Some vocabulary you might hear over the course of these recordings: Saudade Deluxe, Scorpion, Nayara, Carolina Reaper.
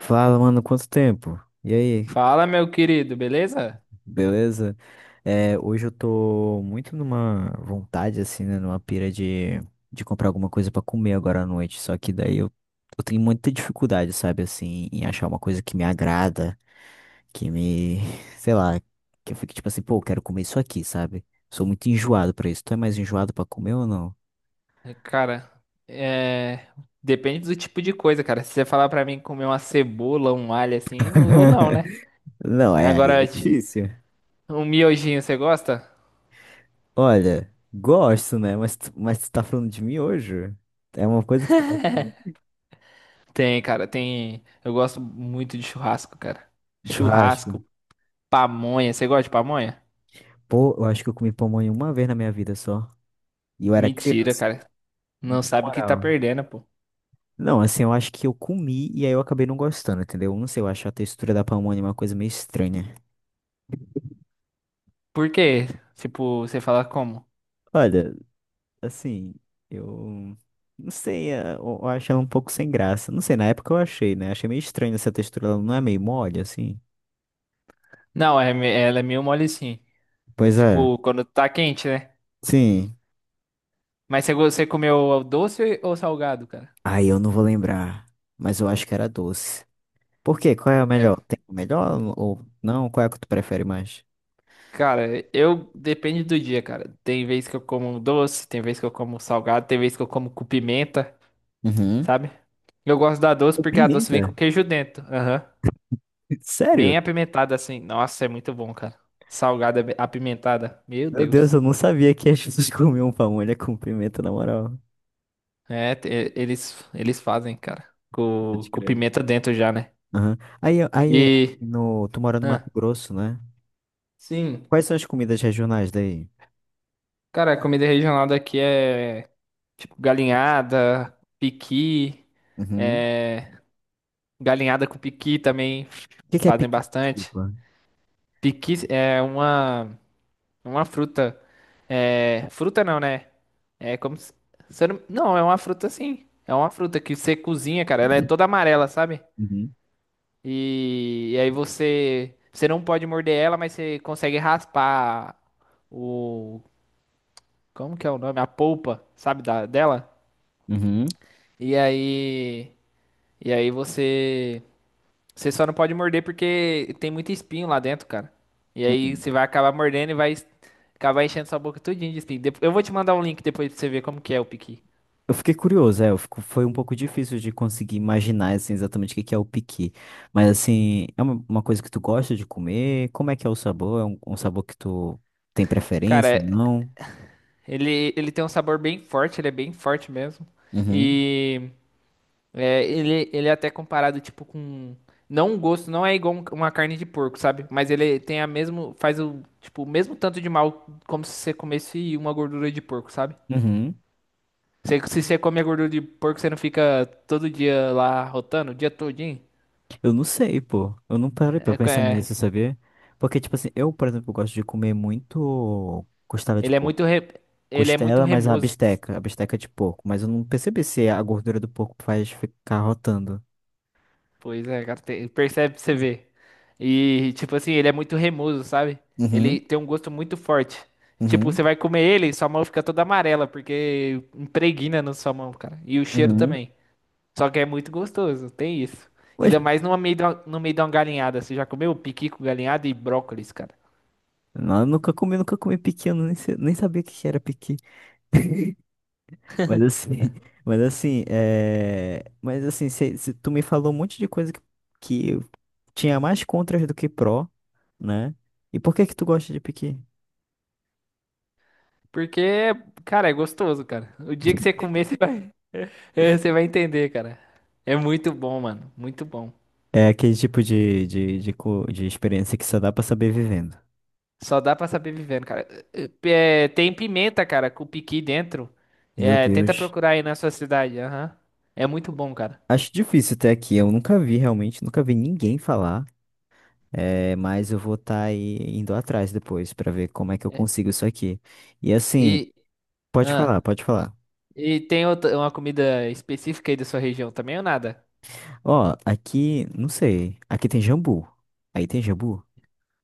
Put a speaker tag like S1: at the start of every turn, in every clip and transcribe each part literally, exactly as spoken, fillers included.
S1: Fala, mano, quanto tempo? E aí,
S2: Fala, meu querido, beleza?
S1: beleza? É, hoje eu tô muito numa vontade, assim, né? Numa pira de, de comprar alguma coisa pra comer agora à noite. Só que daí eu, eu tenho muita dificuldade, sabe, assim, em achar uma coisa que me agrada, que me, sei lá, que eu fique tipo assim, pô, eu quero comer isso aqui, sabe? Sou muito enjoado pra isso. Tu é mais enjoado pra comer ou não?
S2: É, Cara, é... depende do tipo de coisa, cara. Se você falar pra mim comer uma cebola, um alho assim, não vou não, né?
S1: Não, é, aí
S2: Agora,
S1: é
S2: ti-
S1: difícil.
S2: um miojinho, você gosta?
S1: Olha, gosto, né? Mas, tu- mas tu tá falando de miojo? É uma coisa que tu gosta de comer?
S2: Tem, cara, tem. Eu gosto muito de churrasco, cara.
S1: Churrasco.
S2: Churrasco, pamonha. Você gosta de pamonha?
S1: Pô, eu acho que eu comi pamonha uma vez na minha vida só. E eu era
S2: Mentira,
S1: criança,
S2: cara. Não
S1: na
S2: sabe o que tá
S1: moral.
S2: perdendo, pô.
S1: Não, assim, eu acho que eu comi e aí eu acabei não gostando, entendeu? Não sei, eu acho a textura da pamonha uma coisa meio estranha.
S2: Por quê? Tipo, você fala como?
S1: Olha, assim, eu não sei, eh, eu, eu acho ela um pouco sem graça. Não sei, na época eu achei, né? Achei meio estranho essa textura, ela não é meio mole, assim.
S2: Não, é, me- ela é meio mole sim.
S1: Pois é,
S2: Tipo, quando tá quente, né?
S1: sim.
S2: Mas você, go- você comeu doce ou salgado, cara?
S1: Ai, eu não vou lembrar, mas eu acho que era doce. Por quê? Qual é o
S2: É,
S1: melhor? Tem o melhor ou não? Qual é que tu prefere mais?
S2: cara, eu depende do dia, cara. Tem vez que eu como doce, tem vez que eu como salgado, tem vez que eu como com pimenta,
S1: Uhum.
S2: sabe? Eu gosto da doce
S1: Com
S2: porque a doce
S1: pimenta?
S2: vem com queijo dentro. Aham.
S1: Sério?
S2: Bem apimentada assim. Nossa, é muito bom, cara. Salgada bem- apimentada. Meu
S1: Meu
S2: Deus.
S1: Deus, eu não sabia que as pessoas comiam pamonha com pimenta, na moral.
S2: É, te- é, eles eles fazem, cara. Com,
S1: Pode
S2: com
S1: crer.
S2: pimenta dentro já, né?
S1: Aham. Aí, aí
S2: E
S1: no, Tu mora no Mato
S2: ah,
S1: Grosso, né?
S2: sim.
S1: Quais são as comidas regionais daí?
S2: Cara, a comida regional daqui é tipo galinhada, piqui,
S1: Uhum.
S2: é. Galinhada com piqui também
S1: O que que é
S2: fazem
S1: piqui?
S2: bastante.
S1: Desculpa.
S2: Piqui é uma, uma fruta. É, fruta não, né? É como se. Se eu não, não, é uma fruta sim. É uma fruta que você cozinha, cara. Ela é toda amarela, sabe?
S1: Uhum.
S2: E, e aí você. Você não pode morder ela, mas você consegue raspar o. Como que é o nome? A polpa, sabe? Da, dela.
S1: Uhum.
S2: E aí. E aí você. Você só não pode morder porque tem muito espinho lá dentro, cara. E aí
S1: Hum.
S2: você vai acabar mordendo e vai acabar enchendo sua boca tudinho de espinho. Dep- Eu vou te mandar um link depois pra você ver como que é o piqui.
S1: Eu fiquei curioso, é, eu fico, foi um pouco difícil de conseguir imaginar, assim, exatamente o que que é o piqui. Mas, assim, é uma, uma coisa que tu gosta de comer? Como é que é o sabor? É um, um sabor que tu tem
S2: Cara,
S1: preferência,
S2: é-
S1: não?
S2: ele, ele tem um sabor bem forte, ele é bem forte mesmo.
S1: Uhum.
S2: E é, ele, ele é até comparado, tipo, com... Não um gosto, não é igual um- uma carne de porco, sabe? Mas ele tem a mesmo, faz o, tipo, o mesmo tanto de mal como se você comesse uma gordura de porco, sabe?
S1: Uhum.
S2: Você- Se você come a gordura de porco, você não fica todo dia lá rotando, o dia todinho?
S1: Eu não sei, pô. Eu não parei pra
S2: É,
S1: pensar
S2: é-
S1: nisso, sabia? Porque, tipo assim, eu, por exemplo, gosto de comer muito costela de
S2: ele é
S1: porco.
S2: muito re- ele é muito
S1: Costela, mas a
S2: remoso.
S1: bisteca, a bisteca de porco. Mas eu não percebi se a gordura do porco faz ficar rotando.
S2: Pois é, cara, tem- percebe, pra você vê. E tipo assim, ele é muito remoso, sabe? Ele
S1: Uhum,
S2: tem um gosto muito forte. Tipo, você
S1: uhum,
S2: vai comer ele, sua mão fica toda amarela porque impregna na sua mão, cara. E o cheiro
S1: uhum.
S2: também. Só que é muito gostoso, tem isso.
S1: Pois,
S2: Ainda mais no meio da, no meio de uma galinhada. Você já comeu piqui com galinhada e brócolis, cara?
S1: não, eu nunca comi, nunca comi piqui, eu nem, sei- nem sabia o que que era piqui. Mas assim, mas assim, é... Mas assim, cê- cê- tu me falou um monte de coisa que, que eu tinha mais contras do que pró, né? E por que que tu gosta de piqui?
S2: Porque, cara, é gostoso, cara. O dia que você comer, você vai, é, você vai entender, cara. É muito bom, mano. Muito bom.
S1: É aquele tipo de, de, de, co- de experiência que só dá pra saber vivendo.
S2: Só dá pra saber vivendo, cara. É, tem pimenta, cara, com piqui dentro.
S1: Meu
S2: É, tenta
S1: Deus.
S2: procurar aí na sua cidade. Aham. É muito bom, cara.
S1: Acho difícil até aqui, eu nunca vi realmente, nunca vi ninguém falar. É, mas eu vou estar aí indo atrás depois pra ver como é que eu
S2: É,
S1: consigo isso aqui. E assim.
S2: E,
S1: Pode
S2: ah,
S1: falar, pode falar.
S2: e tem outra, uma comida específica aí da sua região também ou nada?
S1: Ó, aqui, não sei. Aqui tem jambu. Aí tem jambu?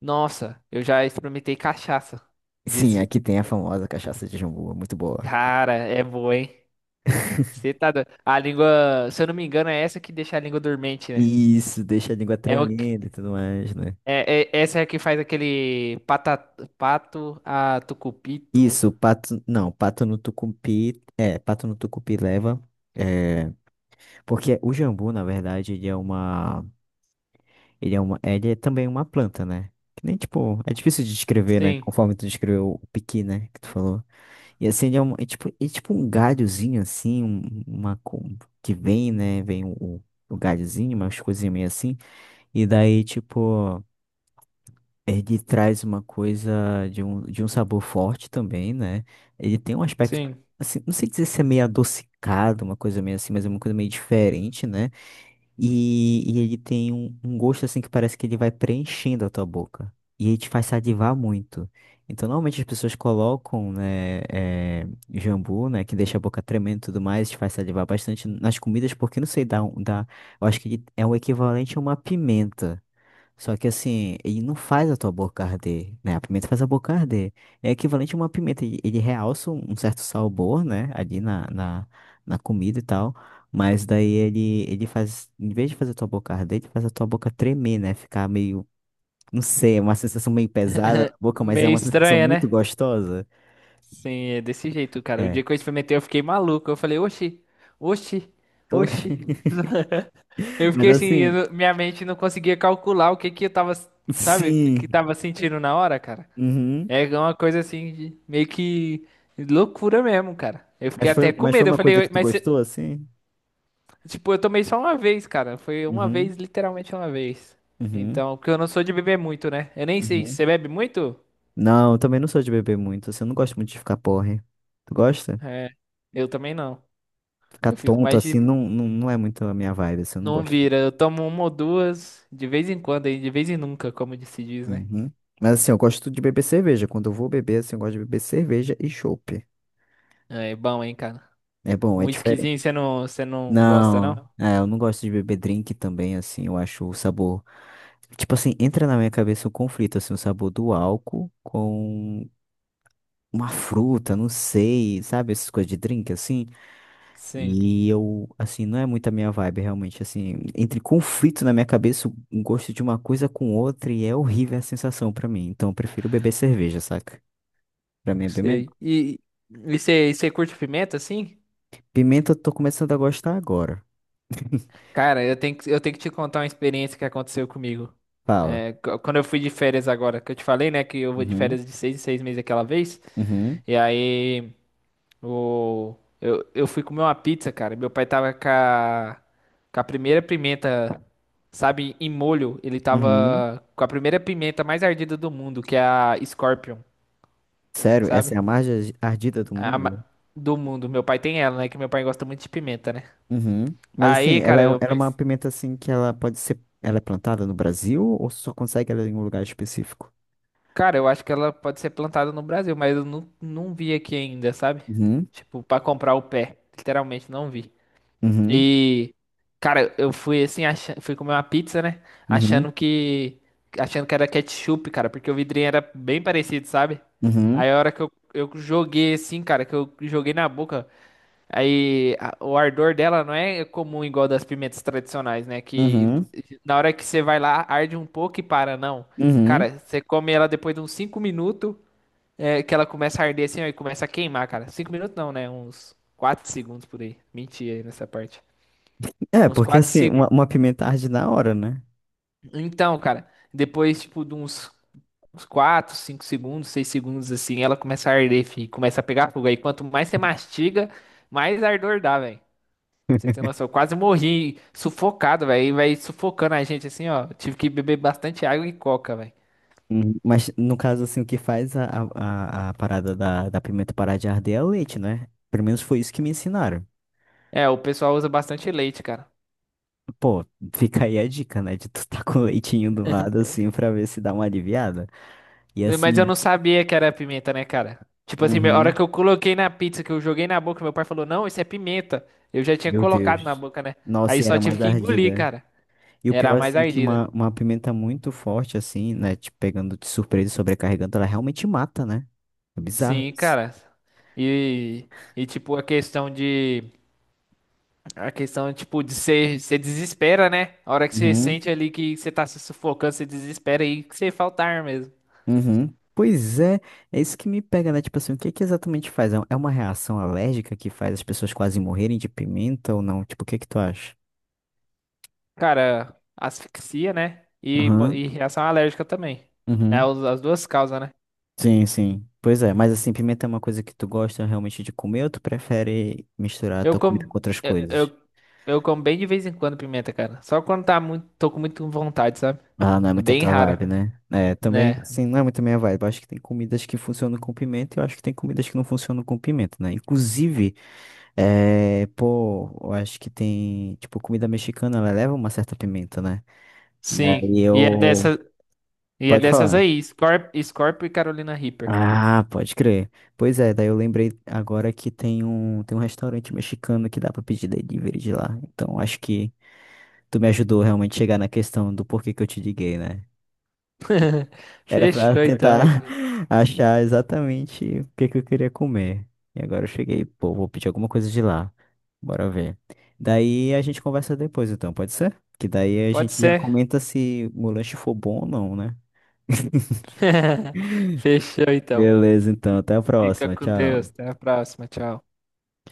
S2: Nossa, eu já experimentei cachaça
S1: Sim,
S2: disso.
S1: aqui tem a famosa cachaça de jambu, é muito boa.
S2: Cara, é boa, hein? Você tá do... A língua, se eu não me engano, é essa que deixa a língua dormente, né?
S1: Isso, deixa a língua
S2: É o que...
S1: tremenda e tudo mais, né?
S2: é, é- essa é a que faz aquele pata... pato a tucupito.
S1: Isso, pato. Não, pato no tucupi. É, pato no tucupi leva. É, porque o jambu, na verdade, ele é uma. Ele é uma. Ele é também uma planta, né? Que nem, tipo, é difícil de descrever, né?
S2: Sim,
S1: Conforme tu descreveu o piqui, né? Que tu falou. E assim, ele é, um, é tipo, é tipo um galhozinho, assim, um- uma co- que vem, né? Vem o, o galhozinho, umas coisinhas meio assim. E daí, tipo, ele traz uma coisa de um, de um sabor forte também, né? Ele tem um aspecto,
S2: sim.
S1: assim, não sei dizer se é meio adocicado, uma coisa meio assim, mas é uma coisa meio diferente, né? E, e ele tem um, um gosto assim que parece que ele vai preenchendo a tua boca. E ele te faz salivar muito. Então, normalmente as pessoas colocam, né, eh, jambu, né, que deixa a boca tremendo e tudo mais, te faz salivar bastante nas comidas, porque não sei, dá, um- dá, eu acho que ele é o equivalente a uma pimenta. Só que assim, ele não faz a tua boca arder, né? A pimenta faz a boca arder. É equivalente a uma pimenta. Ele ele realça um um certo sabor, né? Ali na, na, na comida e tal. Mas daí ele, ele faz, em vez de fazer a tua boca arder, ele faz a tua boca tremer, né? Ficar meio, não sei, é uma sensação meio pesada na boca, mas é
S2: Meio
S1: uma sensação
S2: estranha,
S1: muito
S2: né?
S1: gostosa.
S2: Sim, é desse jeito, cara. O
S1: É.
S2: dia que eu experimentei, eu fiquei maluco. Eu falei, oxi, oxi, oxi.
S1: Oxi.
S2: Eu
S1: Mas
S2: fiquei assim, eu
S1: assim,
S2: não- minha mente não conseguia calcular o que que eu tava, sabe, o que que
S1: sim.
S2: tava sentindo na hora, cara.
S1: Uhum.
S2: É uma coisa assim, de- meio que loucura mesmo, cara. Eu
S1: Mas
S2: fiquei
S1: foi,
S2: até com
S1: mas foi
S2: medo. Eu
S1: uma coisa que
S2: falei,
S1: tu
S2: mas, cê-
S1: gostou, assim?
S2: tipo, eu tomei só uma vez, cara. Foi uma
S1: Uhum.
S2: vez, literalmente uma vez.
S1: Uhum.
S2: Então, porque eu não sou de beber muito, né? Eu nem sei,
S1: Uhum.
S2: você bebe muito?
S1: Não, eu também não sou de beber muito, assim, eu não gosto muito de ficar porre. Tu gosta?
S2: É, eu também não.
S1: Ficar
S2: Eu fico
S1: tonto,
S2: mais
S1: assim,
S2: de.
S1: não, não, não é muito a minha vibe, assim, eu não
S2: Não
S1: gosto.
S2: vira. Eu tomo uma ou duas de vez em quando, aí, de vez em nunca, como se diz, né?
S1: Uhum. Mas assim, eu gosto de beber cerveja. Quando eu vou beber, assim, eu gosto de beber cerveja e chopp.
S2: É é bom, hein, cara.
S1: É bom,
S2: Um
S1: é
S2: whiskyzinho
S1: diferente.
S2: você não, você não gosta,
S1: Não,
S2: não?
S1: é, eu não gosto de beber drink também, assim, eu acho o sabor. Tipo assim, entra na minha cabeça um conflito, assim, o sabor do álcool com uma fruta, não sei, sabe, essas coisas de drink, assim.
S2: Sim,
S1: E eu, assim, não é muito a minha vibe, realmente. Assim, entre conflito na minha cabeça, o gosto de uma coisa com outra, e é horrível a sensação pra mim. Então, eu prefiro beber cerveja, saca? Pra mim é bem
S2: sei.
S1: melhor.
S2: E e você curte pimenta, assim?
S1: Pimenta, eu tô começando a gostar agora.
S2: Cara, eu tenho que, eu tenho que te contar uma experiência que aconteceu comigo.
S1: Fala.
S2: É, qu- quando eu fui de férias agora, que eu te falei, né, que eu vou de
S1: Uhum,
S2: férias de seis em seis meses aquela vez.
S1: uhum,
S2: E aí, o, eu, eu fui comer uma pizza, cara. Meu pai tava com a, com a primeira pimenta, sabe, em molho. Ele
S1: uhum.
S2: tava com a primeira pimenta mais ardida do mundo, que é a Scorpion,
S1: Sério, essa
S2: sabe?
S1: é a mais ar- ardida do
S2: A ma-
S1: mundo?
S2: do mundo. Meu pai tem ela, né? Que meu pai gosta muito de pimenta, né?
S1: Uhum. Mas, assim,
S2: Aí,
S1: ela
S2: cara,
S1: é, um,
S2: eu
S1: ela é uma pimenta, assim, que ela pode ser. Ela é plantada no Brasil ou só consegue ela em um lugar específico?
S2: Cara, eu acho que ela pode ser plantada no Brasil, mas eu não, não vi aqui ainda, sabe?
S1: Uhum,
S2: Tipo, pra comprar o pé. Literalmente não vi.
S1: uhum,
S2: E, cara, eu fui assim, achando, fui comer uma pizza, né?
S1: uhum,
S2: Achando que. Achando que era ketchup, cara, porque o vidrinho era bem parecido, sabe?
S1: uhum,
S2: Aí a hora que eu, eu joguei assim, cara, que eu joguei na boca. Aí a- o ardor dela não é comum igual das pimentas tradicionais, né? Que
S1: uhum,
S2: na hora que você vai lá, arde um pouco e para, não.
S1: uhum.
S2: Cara, você come ela depois de uns cinco minutos, é, que ela começa a arder assim, ó, e começa a queimar, cara. Cinco minutos não, né? Uns quatro segundos por aí. Menti aí nessa parte.
S1: É,
S2: Uns
S1: porque
S2: quatro
S1: assim, uma,
S2: segundos.
S1: uma pimenta arde na hora, né?
S2: Então, cara, depois, tipo, de uns, uns quatro, cinco segundos, seis segundos assim, ela começa a arder, fi, começa a pegar fogo. Aí quanto mais você mastiga, mais ardor dá, velho. Você tem noção, eu quase morri sufocado, velho. E vai sufocando a gente assim, ó. Tive que beber bastante água e coca, velho.
S1: Uhum. Mas no caso, assim, o que faz a, a, a a parada da, da pimenta parar de arder é o leite, né? Pelo menos foi isso que me ensinaram.
S2: É, o pessoal usa bastante leite, cara.
S1: Pô, fica aí a dica, né? De tu tá com o leitinho do lado, assim, pra ver se dá uma aliviada. E
S2: Mas eu
S1: assim,
S2: não sabia que era pimenta, né, cara? Tipo assim, a hora que
S1: uhum,
S2: eu coloquei na pizza, que eu joguei na boca, meu pai falou: Não, isso é pimenta. Eu já tinha
S1: meu
S2: colocado na
S1: Deus.
S2: boca, né?
S1: Nossa,
S2: Aí
S1: e
S2: só
S1: era
S2: tive
S1: mais
S2: que engolir,
S1: ardida.
S2: cara.
S1: E o
S2: Era a
S1: pior,
S2: mais
S1: assim, que
S2: ardida.
S1: uma, uma pimenta muito forte, assim, né? Te pegando de surpresa e sobrecarregando, ela realmente mata, né? É bizarro
S2: Sim,
S1: isso.
S2: cara. E, e tipo, a questão de. A questão, tipo, de ser, você desespera, né? A hora que você
S1: Uhum.
S2: sente ali que você tá se sufocando, você desespera e que você falta ar mesmo.
S1: Uhum. Pois é, é isso que me pega, né? Tipo assim, o que que exatamente faz? É é uma reação alérgica que faz as pessoas quase morrerem de pimenta ou não? Tipo, o que que tu acha?
S2: Cara, asfixia, né? E, po-
S1: Aham.
S2: e reação alérgica também.
S1: Uhum.
S2: É, os- as duas causas, né?
S1: Sim, sim. Pois é, mas assim, pimenta é uma coisa que tu gosta realmente de comer ou tu prefere misturar a
S2: Eu
S1: tua comida com
S2: como,
S1: outras
S2: eu,
S1: coisas?
S2: eu, eu como bem de vez em quando pimenta, cara. Só quando tá muito, tô com muito vontade, sabe?
S1: Ah, não é
S2: É
S1: muito a
S2: bem
S1: tua vibe,
S2: rara,
S1: né? É, também,
S2: né?
S1: assim, não é muito a minha vibe. Eu acho que tem comidas que funcionam com pimenta e eu acho que tem comidas que não funcionam com pimenta, né? Inclusive, é, pô, eu acho que tem, tipo, comida mexicana, ela leva uma certa pimenta, né?
S2: Sim.
S1: Daí
S2: E é
S1: eu...
S2: dessa e é
S1: Pode
S2: dessas
S1: falar.
S2: aí, Scorp, Scorpio e Carolina Reaper.
S1: Ah, pode crer. Pois é, daí eu lembrei agora que tem um, tem um restaurante mexicano que dá pra pedir delivery de lá. Então, acho que tu me ajudou realmente a chegar na questão do porquê que eu te liguei, né? Era pra
S2: Fechou então, meu
S1: tentar
S2: querido.
S1: achar exatamente o que que eu queria comer. E agora eu cheguei, pô, vou pedir alguma coisa de lá. Bora ver. Daí a gente conversa depois, então, pode ser? Que daí a
S2: Pode
S1: gente já
S2: ser.
S1: comenta se o lanche for bom ou não, né?
S2: Fechou então.
S1: Beleza, então, até a
S2: Fica
S1: próxima.
S2: com Deus.
S1: Tchau.
S2: Até a próxima. Tchau.